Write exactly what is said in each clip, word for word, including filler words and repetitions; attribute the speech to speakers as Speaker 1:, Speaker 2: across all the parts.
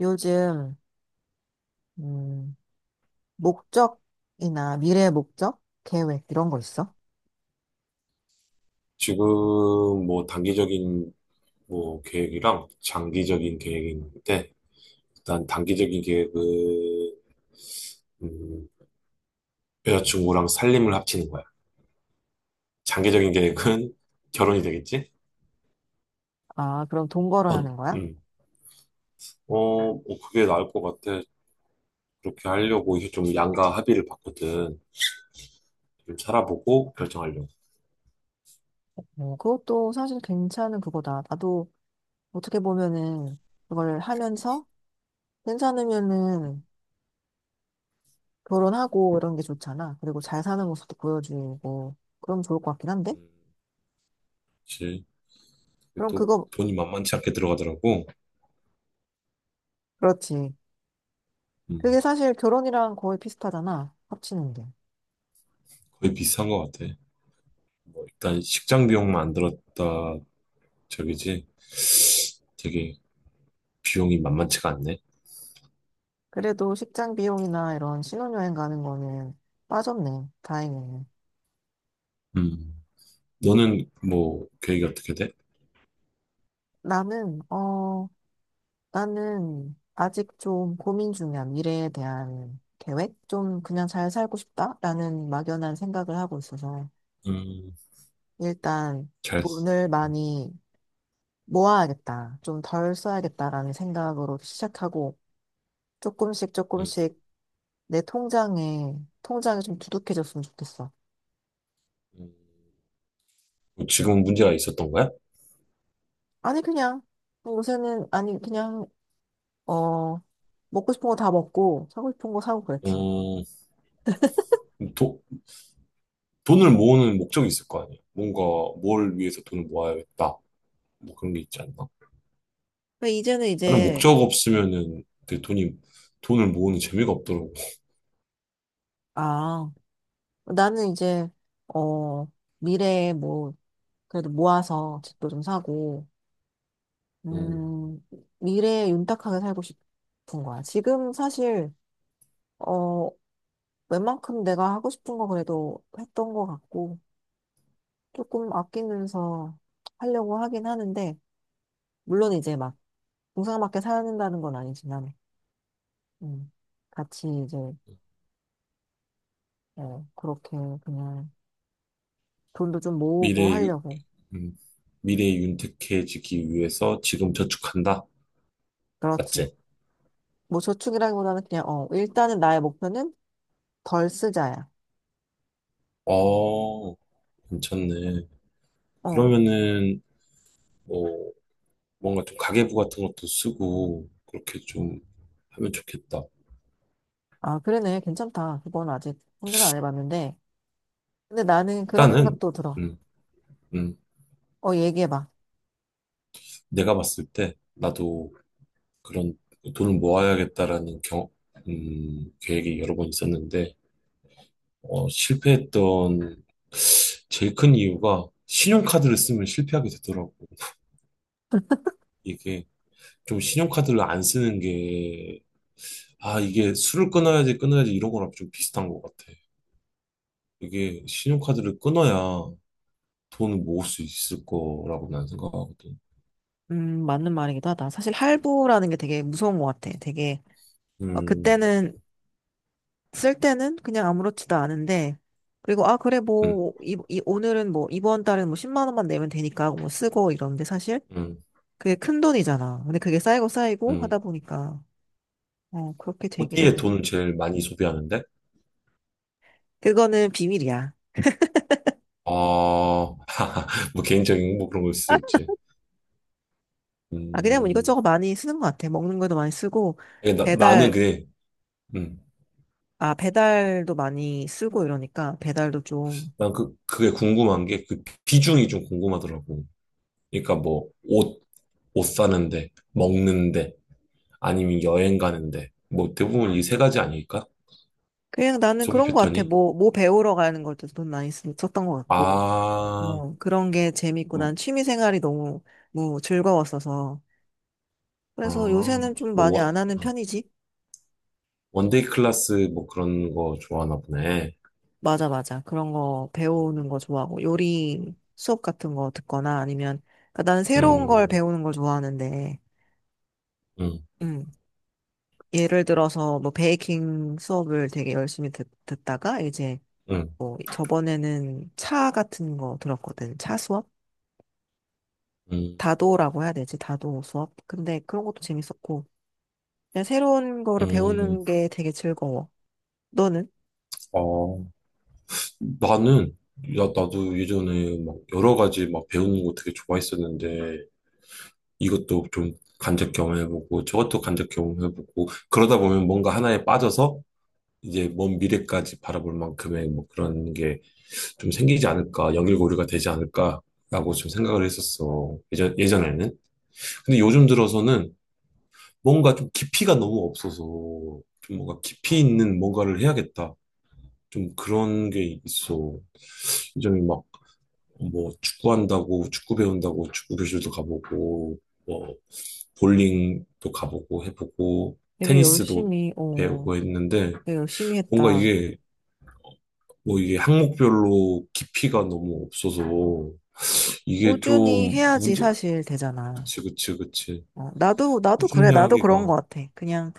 Speaker 1: 요즘, 음, 목적이나 미래 목적, 계획, 이런 거 있어?
Speaker 2: 지금 뭐 단기적인 뭐 계획이랑 장기적인 계획인데 일단 단기적인 계획은 음, 여자친구랑 살림을 합치는 거야. 장기적인 계획은 결혼이 되겠지?
Speaker 1: 아, 그럼 동거를
Speaker 2: 어,
Speaker 1: 하는 거야?
Speaker 2: 음. 어, 뭐 그게 나을 것 같아. 그렇게 하려고 이게 좀 양가 합의를 봤거든. 좀 살아보고 결정하려고.
Speaker 1: 어, 그것도 사실 괜찮은 그거다. 나도 어떻게 보면은 그걸 하면서 괜찮으면은 결혼하고 이런 게 좋잖아. 그리고 잘 사는 모습도 보여주고 그럼 좋을 것 같긴 한데?
Speaker 2: 음, 그치. 그게
Speaker 1: 그럼
Speaker 2: 또
Speaker 1: 그거,
Speaker 2: 돈이 만만치 않게 들어가더라고.
Speaker 1: 그렇지.
Speaker 2: 음,
Speaker 1: 그게 사실 결혼이랑 거의 비슷하잖아. 합치는 게.
Speaker 2: 거의 비슷한 것 같아. 뭐 일단 식장 비용만 안 들었다 저기지. 되게 비용이 만만치가 않네.
Speaker 1: 그래도 식장 비용이나 이런 신혼여행 가는 거는 빠졌네. 다행이네.
Speaker 2: 음. 너는 뭐 계획이 어떻게 돼?
Speaker 1: 나는, 어, 나는 아직 좀 고민 중이야. 미래에 대한 계획? 좀 그냥 잘 살고 싶다라는 막연한 생각을 하고 있어서.
Speaker 2: 음.
Speaker 1: 일단
Speaker 2: 잘,
Speaker 1: 돈을 많이 모아야겠다. 좀 덜 써야겠다라는 생각으로 시작하고 조금씩
Speaker 2: 음.
Speaker 1: 조금씩 내 통장에 통장이 좀 두둑해졌으면 좋겠어.
Speaker 2: 음. 뭐 지금 문제가 있었던 거야?
Speaker 1: 아니 그냥 요새는 아니 그냥 어 먹고 싶은 거 다 먹고 사고 싶은 거 사고 그랬지.
Speaker 2: 음, 도, 돈을 모으는 목적이 있을 거 아니야? 뭔가 뭘 위해서 돈을 모아야겠다. 뭐 그런 게 있지 않나?
Speaker 1: 근데 이제는
Speaker 2: 나는
Speaker 1: 이제
Speaker 2: 목적 없으면은 그 돈이, 돈을 모으는 재미가 없더라고.
Speaker 1: 아 나는 이제 어 미래에 뭐 그래도 모아서 집도 좀 사고
Speaker 2: 음,
Speaker 1: 음 미래에 윤택하게 살고 싶은 거야. 지금 사실 어, 웬만큼 내가 하고 싶은 거 그래도 했던 것 같고, 조금 아끼면서 하려고 하긴 하는데, 물론 이제 막, 동상밖에 사는다는 건 아니지만, 음, 같이 이제, 어, 그렇게 그냥 돈도 좀 모으고
Speaker 2: 미래, 유,
Speaker 1: 하려고.
Speaker 2: 음, 미래 윤택해지기 위해서 지금 저축한다?
Speaker 1: 그렇지.
Speaker 2: 맞지?
Speaker 1: 뭐 저축이라기보다는 그냥, 어, 일단은 나의 목표는 덜 쓰자야.
Speaker 2: 어, 괜찮네.
Speaker 1: 어,
Speaker 2: 그러면은 뭐 뭔가 좀 가계부 같은 것도 쓰고 그렇게 좀 하면 좋겠다.
Speaker 1: 아, 그러네. 괜찮다. 그건 아직 생각을 안 해봤는데. 근데 나는 그런
Speaker 2: 일단은
Speaker 1: 생각도 들어.
Speaker 2: 음, 음,
Speaker 1: 어, 얘기해봐.
Speaker 2: 내가 봤을 때 나도 그런 돈을 모아야겠다라는 경, 음, 계획이 여러 번 있었는데 어, 실패했던 제일 큰 이유가 신용카드를 쓰면 실패하게 되더라고. 이게 좀 신용카드를 안 쓰는 게 아, 이게 술을 끊어야지 끊어야지 이런 거랑 좀 비슷한 것 같아. 이게 신용카드를 끊어야 돈을 모을 수 있을 거라고 난 생각하거든.
Speaker 1: 음, 맞는 말이기도 하다. 사실 할부라는 게 되게 무서운 것 같아. 되게, 어,
Speaker 2: 음.
Speaker 1: 그때는, 쓸 때는 그냥 아무렇지도 않은데, 그리고, 아, 그래,
Speaker 2: 음.
Speaker 1: 뭐, 이, 이- 오늘은 뭐, 이번 달은 뭐, 십만 원만 내면 되니까, 뭐, 쓰고 이러는데, 사실,
Speaker 2: 음.
Speaker 1: 그게 큰 돈이잖아. 근데 그게 쌓이고 쌓이고 하다
Speaker 2: 음.
Speaker 1: 보니까, 어, 그렇게 되긴 하지.
Speaker 2: 어디에 돈을 제일 많이 소비하는데?
Speaker 1: 그거는 비밀이야.
Speaker 2: 아, 뭐 개인적인 뭐 그런 걸 수도 있지.
Speaker 1: 아, 그냥 뭐
Speaker 2: 음,
Speaker 1: 이것저것 많이 쓰는 것 같아. 먹는 것도 많이 쓰고,
Speaker 2: 예, 나, 나는
Speaker 1: 배달,
Speaker 2: 그게, 음,
Speaker 1: 아, 배달도 많이 쓰고 이러니까, 배달도 좀,
Speaker 2: 난 그, 그게 궁금한 게 그 비중이 좀 궁금하더라고. 그러니까 뭐 옷, 옷 사는데, 먹는데, 아니면 여행 가는데, 뭐 대부분 이 세 가지 아닐까?
Speaker 1: 그냥 나는
Speaker 2: 소비
Speaker 1: 그런 거 같아.
Speaker 2: 패턴이?
Speaker 1: 뭐, 뭐 배우러 가는 것도 돈 많이 쓰- 썼던 것 같고,
Speaker 2: 아,
Speaker 1: 뭐, 그런 게 재밌고,
Speaker 2: 음,
Speaker 1: 난 취미 생활이 너무, 뭐, 즐거웠어서. 그래서
Speaker 2: 아,
Speaker 1: 요새는 좀 많이
Speaker 2: 뭐,
Speaker 1: 안 하는 편이지?
Speaker 2: 원데이 클래스 뭐 그런 거 좋아하나 보네.
Speaker 1: 맞아, 맞아. 그런 거 배우는 거 좋아하고, 요리 수업 같은 거 듣거나 아니면, 그러니까 나는 새로운 걸
Speaker 2: 음.
Speaker 1: 배우는 걸 좋아하는데,
Speaker 2: 음.
Speaker 1: 음, 예를 들어서 뭐, 베이킹 수업을 되게 열심히 듣, 듣다가, 이제,
Speaker 2: 음.
Speaker 1: 뭐, 저번에는 차 같은 거 들었거든. 차 수업?
Speaker 2: 음.
Speaker 1: 다도라고 해야 되지, 다도 수업. 근데 그런 것도 재밌었고, 그냥 새로운
Speaker 2: 음.
Speaker 1: 거를
Speaker 2: 음.
Speaker 1: 배우는 게 되게 즐거워. 너는?
Speaker 2: 어, 나는, 야, 나도 예전에 막 여러 가지 막 배우는 거 되게 좋아했었는데, 이것도 좀 간접 경험해보고, 저것도 간접 경험해보고, 그러다 보면 뭔가 하나에 빠져서, 이제 먼 미래까지 바라볼 만큼의 뭐 그런 게 좀 생기지 않을까, 연결고리가 되지 않을까라고 좀 생각을 했었어. 예전, 예전에는. 근데 요즘 들어서는 뭔가 좀 깊이가 너무 없어서 좀 뭔가 깊이 있는 뭔가를 해야겠다. 좀 그런 게 있어. 굉장히 막 뭐 축구한다고 축구 배운다고 축구 교실도 가보고 뭐 볼링도 가보고 해보고
Speaker 1: 되게
Speaker 2: 테니스도
Speaker 1: 열심히, 어,
Speaker 2: 배우고 했는데
Speaker 1: 되게 열심히
Speaker 2: 뭔가
Speaker 1: 했다.
Speaker 2: 이게 뭐 이게 항목별로 깊이가 너무 없어서 이게
Speaker 1: 꾸준히
Speaker 2: 좀
Speaker 1: 해야지
Speaker 2: 문제.
Speaker 1: 사실 되잖아.
Speaker 2: 그치 그치 그치.
Speaker 1: 어, 나도, 나도 그래.
Speaker 2: 꾸준히
Speaker 1: 나도 그런
Speaker 2: 하기가
Speaker 1: 것 같아. 그냥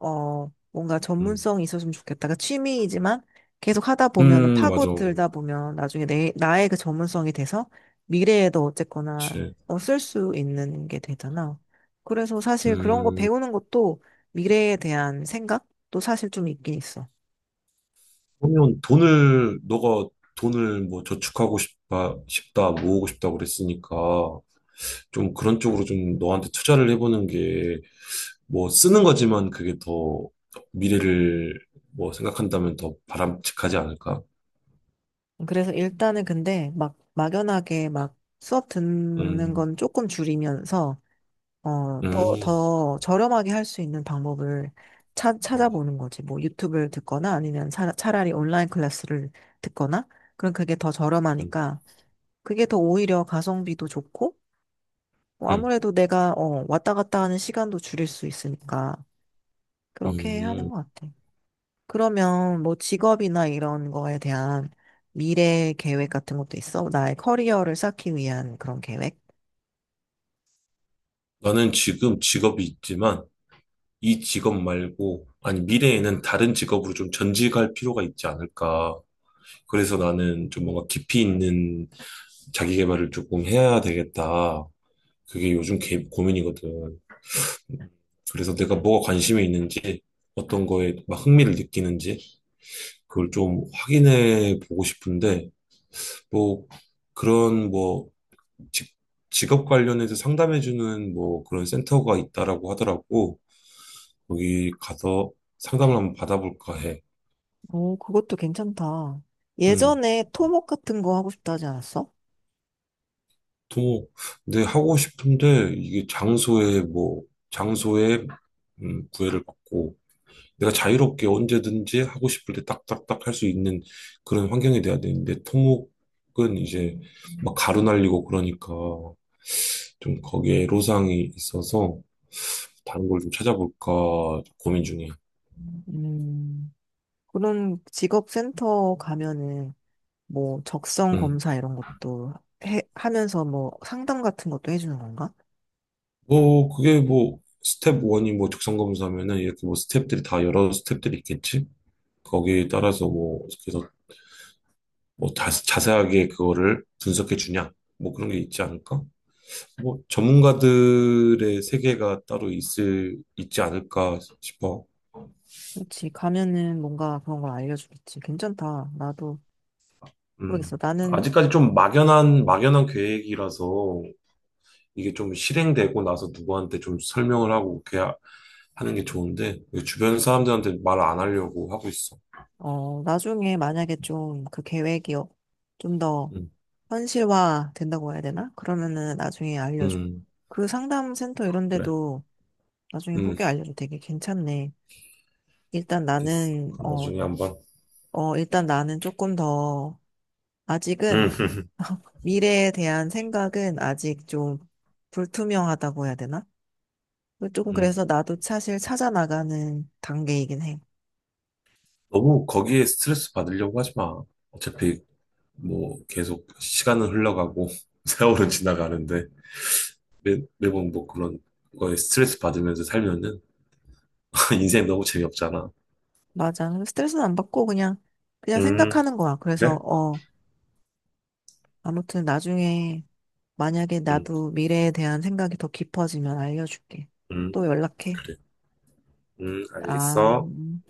Speaker 1: 어, 뭔가
Speaker 2: 음,
Speaker 1: 전문성이 있었으면 좋겠다. 그 취미이지만 계속 하다 보면은
Speaker 2: 음 맞아.
Speaker 1: 파고들다 보면 나중에 내, 나의 그 전문성이 돼서 미래에도 어쨌거나
Speaker 2: 그치.
Speaker 1: 어, 쓸 수 있는 게 되잖아. 그래서 사실 그런 거
Speaker 2: 음.
Speaker 1: 배우는 것도 미래에 대한 생각도 사실 좀 있긴 있어.
Speaker 2: 그러면 돈을, 너가 돈을 뭐 저축하고 싶다, 싶다, 모으고 싶다 그랬으니까 좀 그런 쪽으로 좀 너한테 투자를 해보는 게 뭐 쓰는 거지만 그게 더 미래를 뭐 생각한다면 더 바람직하지 않을까?
Speaker 1: 그래서 일단은 근데 막 막연하게 막 수업 듣는
Speaker 2: 음.
Speaker 1: 건 조금 줄이면서 어,
Speaker 2: 음.
Speaker 1: 더, 더 저렴하게 할 수 있는 방법을 찾,
Speaker 2: 어.
Speaker 1: 찾아보는 거지. 뭐 유튜브를 듣거나 아니면 차, 차라리 온라인 클래스를 듣거나 그럼 그게 더
Speaker 2: 음.
Speaker 1: 저렴하니까 그게 더 오히려 가성비도 좋고 뭐
Speaker 2: 음.
Speaker 1: 아무래도 내가 어, 왔다 갔다 하는 시간도 줄일 수 있으니까 그렇게 하는
Speaker 2: 음.
Speaker 1: 것 같아. 그러면 뭐 직업이나 이런 거에 대한 미래 계획 같은 것도 있어? 나의 커리어를 쌓기 위한 그런 계획?
Speaker 2: 나는 지금 직업이 있지만 이 직업 말고 아니 미래에는 다른 직업으로 좀 전직할 필요가 있지 않을까? 그래서 나는 좀 뭔가 깊이 있는 자기 개발을 조금 해야 되겠다. 그게 요즘 개- 고민이거든. 그래서 내가 뭐가 관심이 있는지, 어떤 거에 막 흥미를 느끼는지, 그걸 좀 확인해 보고 싶은데, 뭐, 그런 뭐, 직, 직업 관련해서 상담해 주는 뭐 그런 센터가 있다라고 하더라고. 거기 가서 상담을 한번 받아볼까 해.
Speaker 1: 오, 그것도 괜찮다.
Speaker 2: 음.
Speaker 1: 예전에 토목 같은 거 하고 싶다 하지 않았어?
Speaker 2: 또, 네, 하고 싶은데, 이게 장소에 뭐, 장소에, 음, 구애를 받고, 내가 자유롭게 언제든지 하고 싶을 때 딱딱딱 할 수 있는 그런 환경이 돼야 되는데 토목은 이제 막 가루 날리고 그러니까 좀 거기에 애로사항이 있어서 다른 걸 좀 찾아볼까 고민 중이야.
Speaker 1: 음, 그런 직업센터 가면은 뭐 적성
Speaker 2: 음.
Speaker 1: 검사 이런 것도 해, 하면서 뭐 상담 같은 것도 해주는 건가?
Speaker 2: 뭐 그게 뭐 스텝 일이 뭐 적성 검사면은 이렇게 뭐 스텝들이 다 여러 스텝들이 있겠지? 거기에 따라서 뭐 그래서 뭐 자세하게 그거를 분석해 주냐? 뭐 그런 게 있지 않을까? 뭐 전문가들의 세계가 따로 있을 있지 않을까 싶어.
Speaker 1: 그렇지. 가면은 뭔가 그런 걸 알려주겠지. 괜찮다. 나도
Speaker 2: 음.
Speaker 1: 모르겠어. 나는,
Speaker 2: 아직까지 좀 막연한 막연한 계획이라서 이게 좀 실행되고 나서 누구한테 좀 설명을 하고 그렇게 하- 하는 게 좋은데 주변 사람들한테 말 안 하려고 하고 있어.
Speaker 1: 어, 나중에 만약에 좀 그 계획이 어, 좀더
Speaker 2: 음.
Speaker 1: 현실화 된다고 해야 되나? 그러면은 나중에 알려줘.
Speaker 2: 음.
Speaker 1: 그 상담센터 이런
Speaker 2: 그래.
Speaker 1: 데도 나중에
Speaker 2: 음.
Speaker 1: 후기 알려줘. 되게 괜찮네. 일단
Speaker 2: 됐어.
Speaker 1: 나는,
Speaker 2: 그럼
Speaker 1: 어,
Speaker 2: 나중에 한번.
Speaker 1: 어, 일단 나는 조금 더
Speaker 2: 음.
Speaker 1: 아직은 미래에 대한 생각은 아직 좀 불투명하다고 해야 되나? 조금
Speaker 2: 음.
Speaker 1: 그래서 나도 사실 찾아 나가는 단계이긴 해.
Speaker 2: 너무 거기에 스트레스 받으려고 하지 마. 어차피 뭐 계속 시간은 흘러가고 세월은 지나가는데. 매, 매번 뭐 그런 거에 스트레스 받으면서 살면은 인생 너무 재미없잖아.
Speaker 1: 맞아. 스트레스는 안 받고 그냥 그냥
Speaker 2: 음,
Speaker 1: 생각하는 거야. 그래서
Speaker 2: 그래?
Speaker 1: 어 아무튼 나중에 만약에
Speaker 2: 음,
Speaker 1: 나도 미래에 대한 생각이 더 깊어지면 알려줄게.
Speaker 2: 음,
Speaker 1: 또 연락해.
Speaker 2: 그래. 음,
Speaker 1: 아.
Speaker 2: 알겠어.
Speaker 1: 음.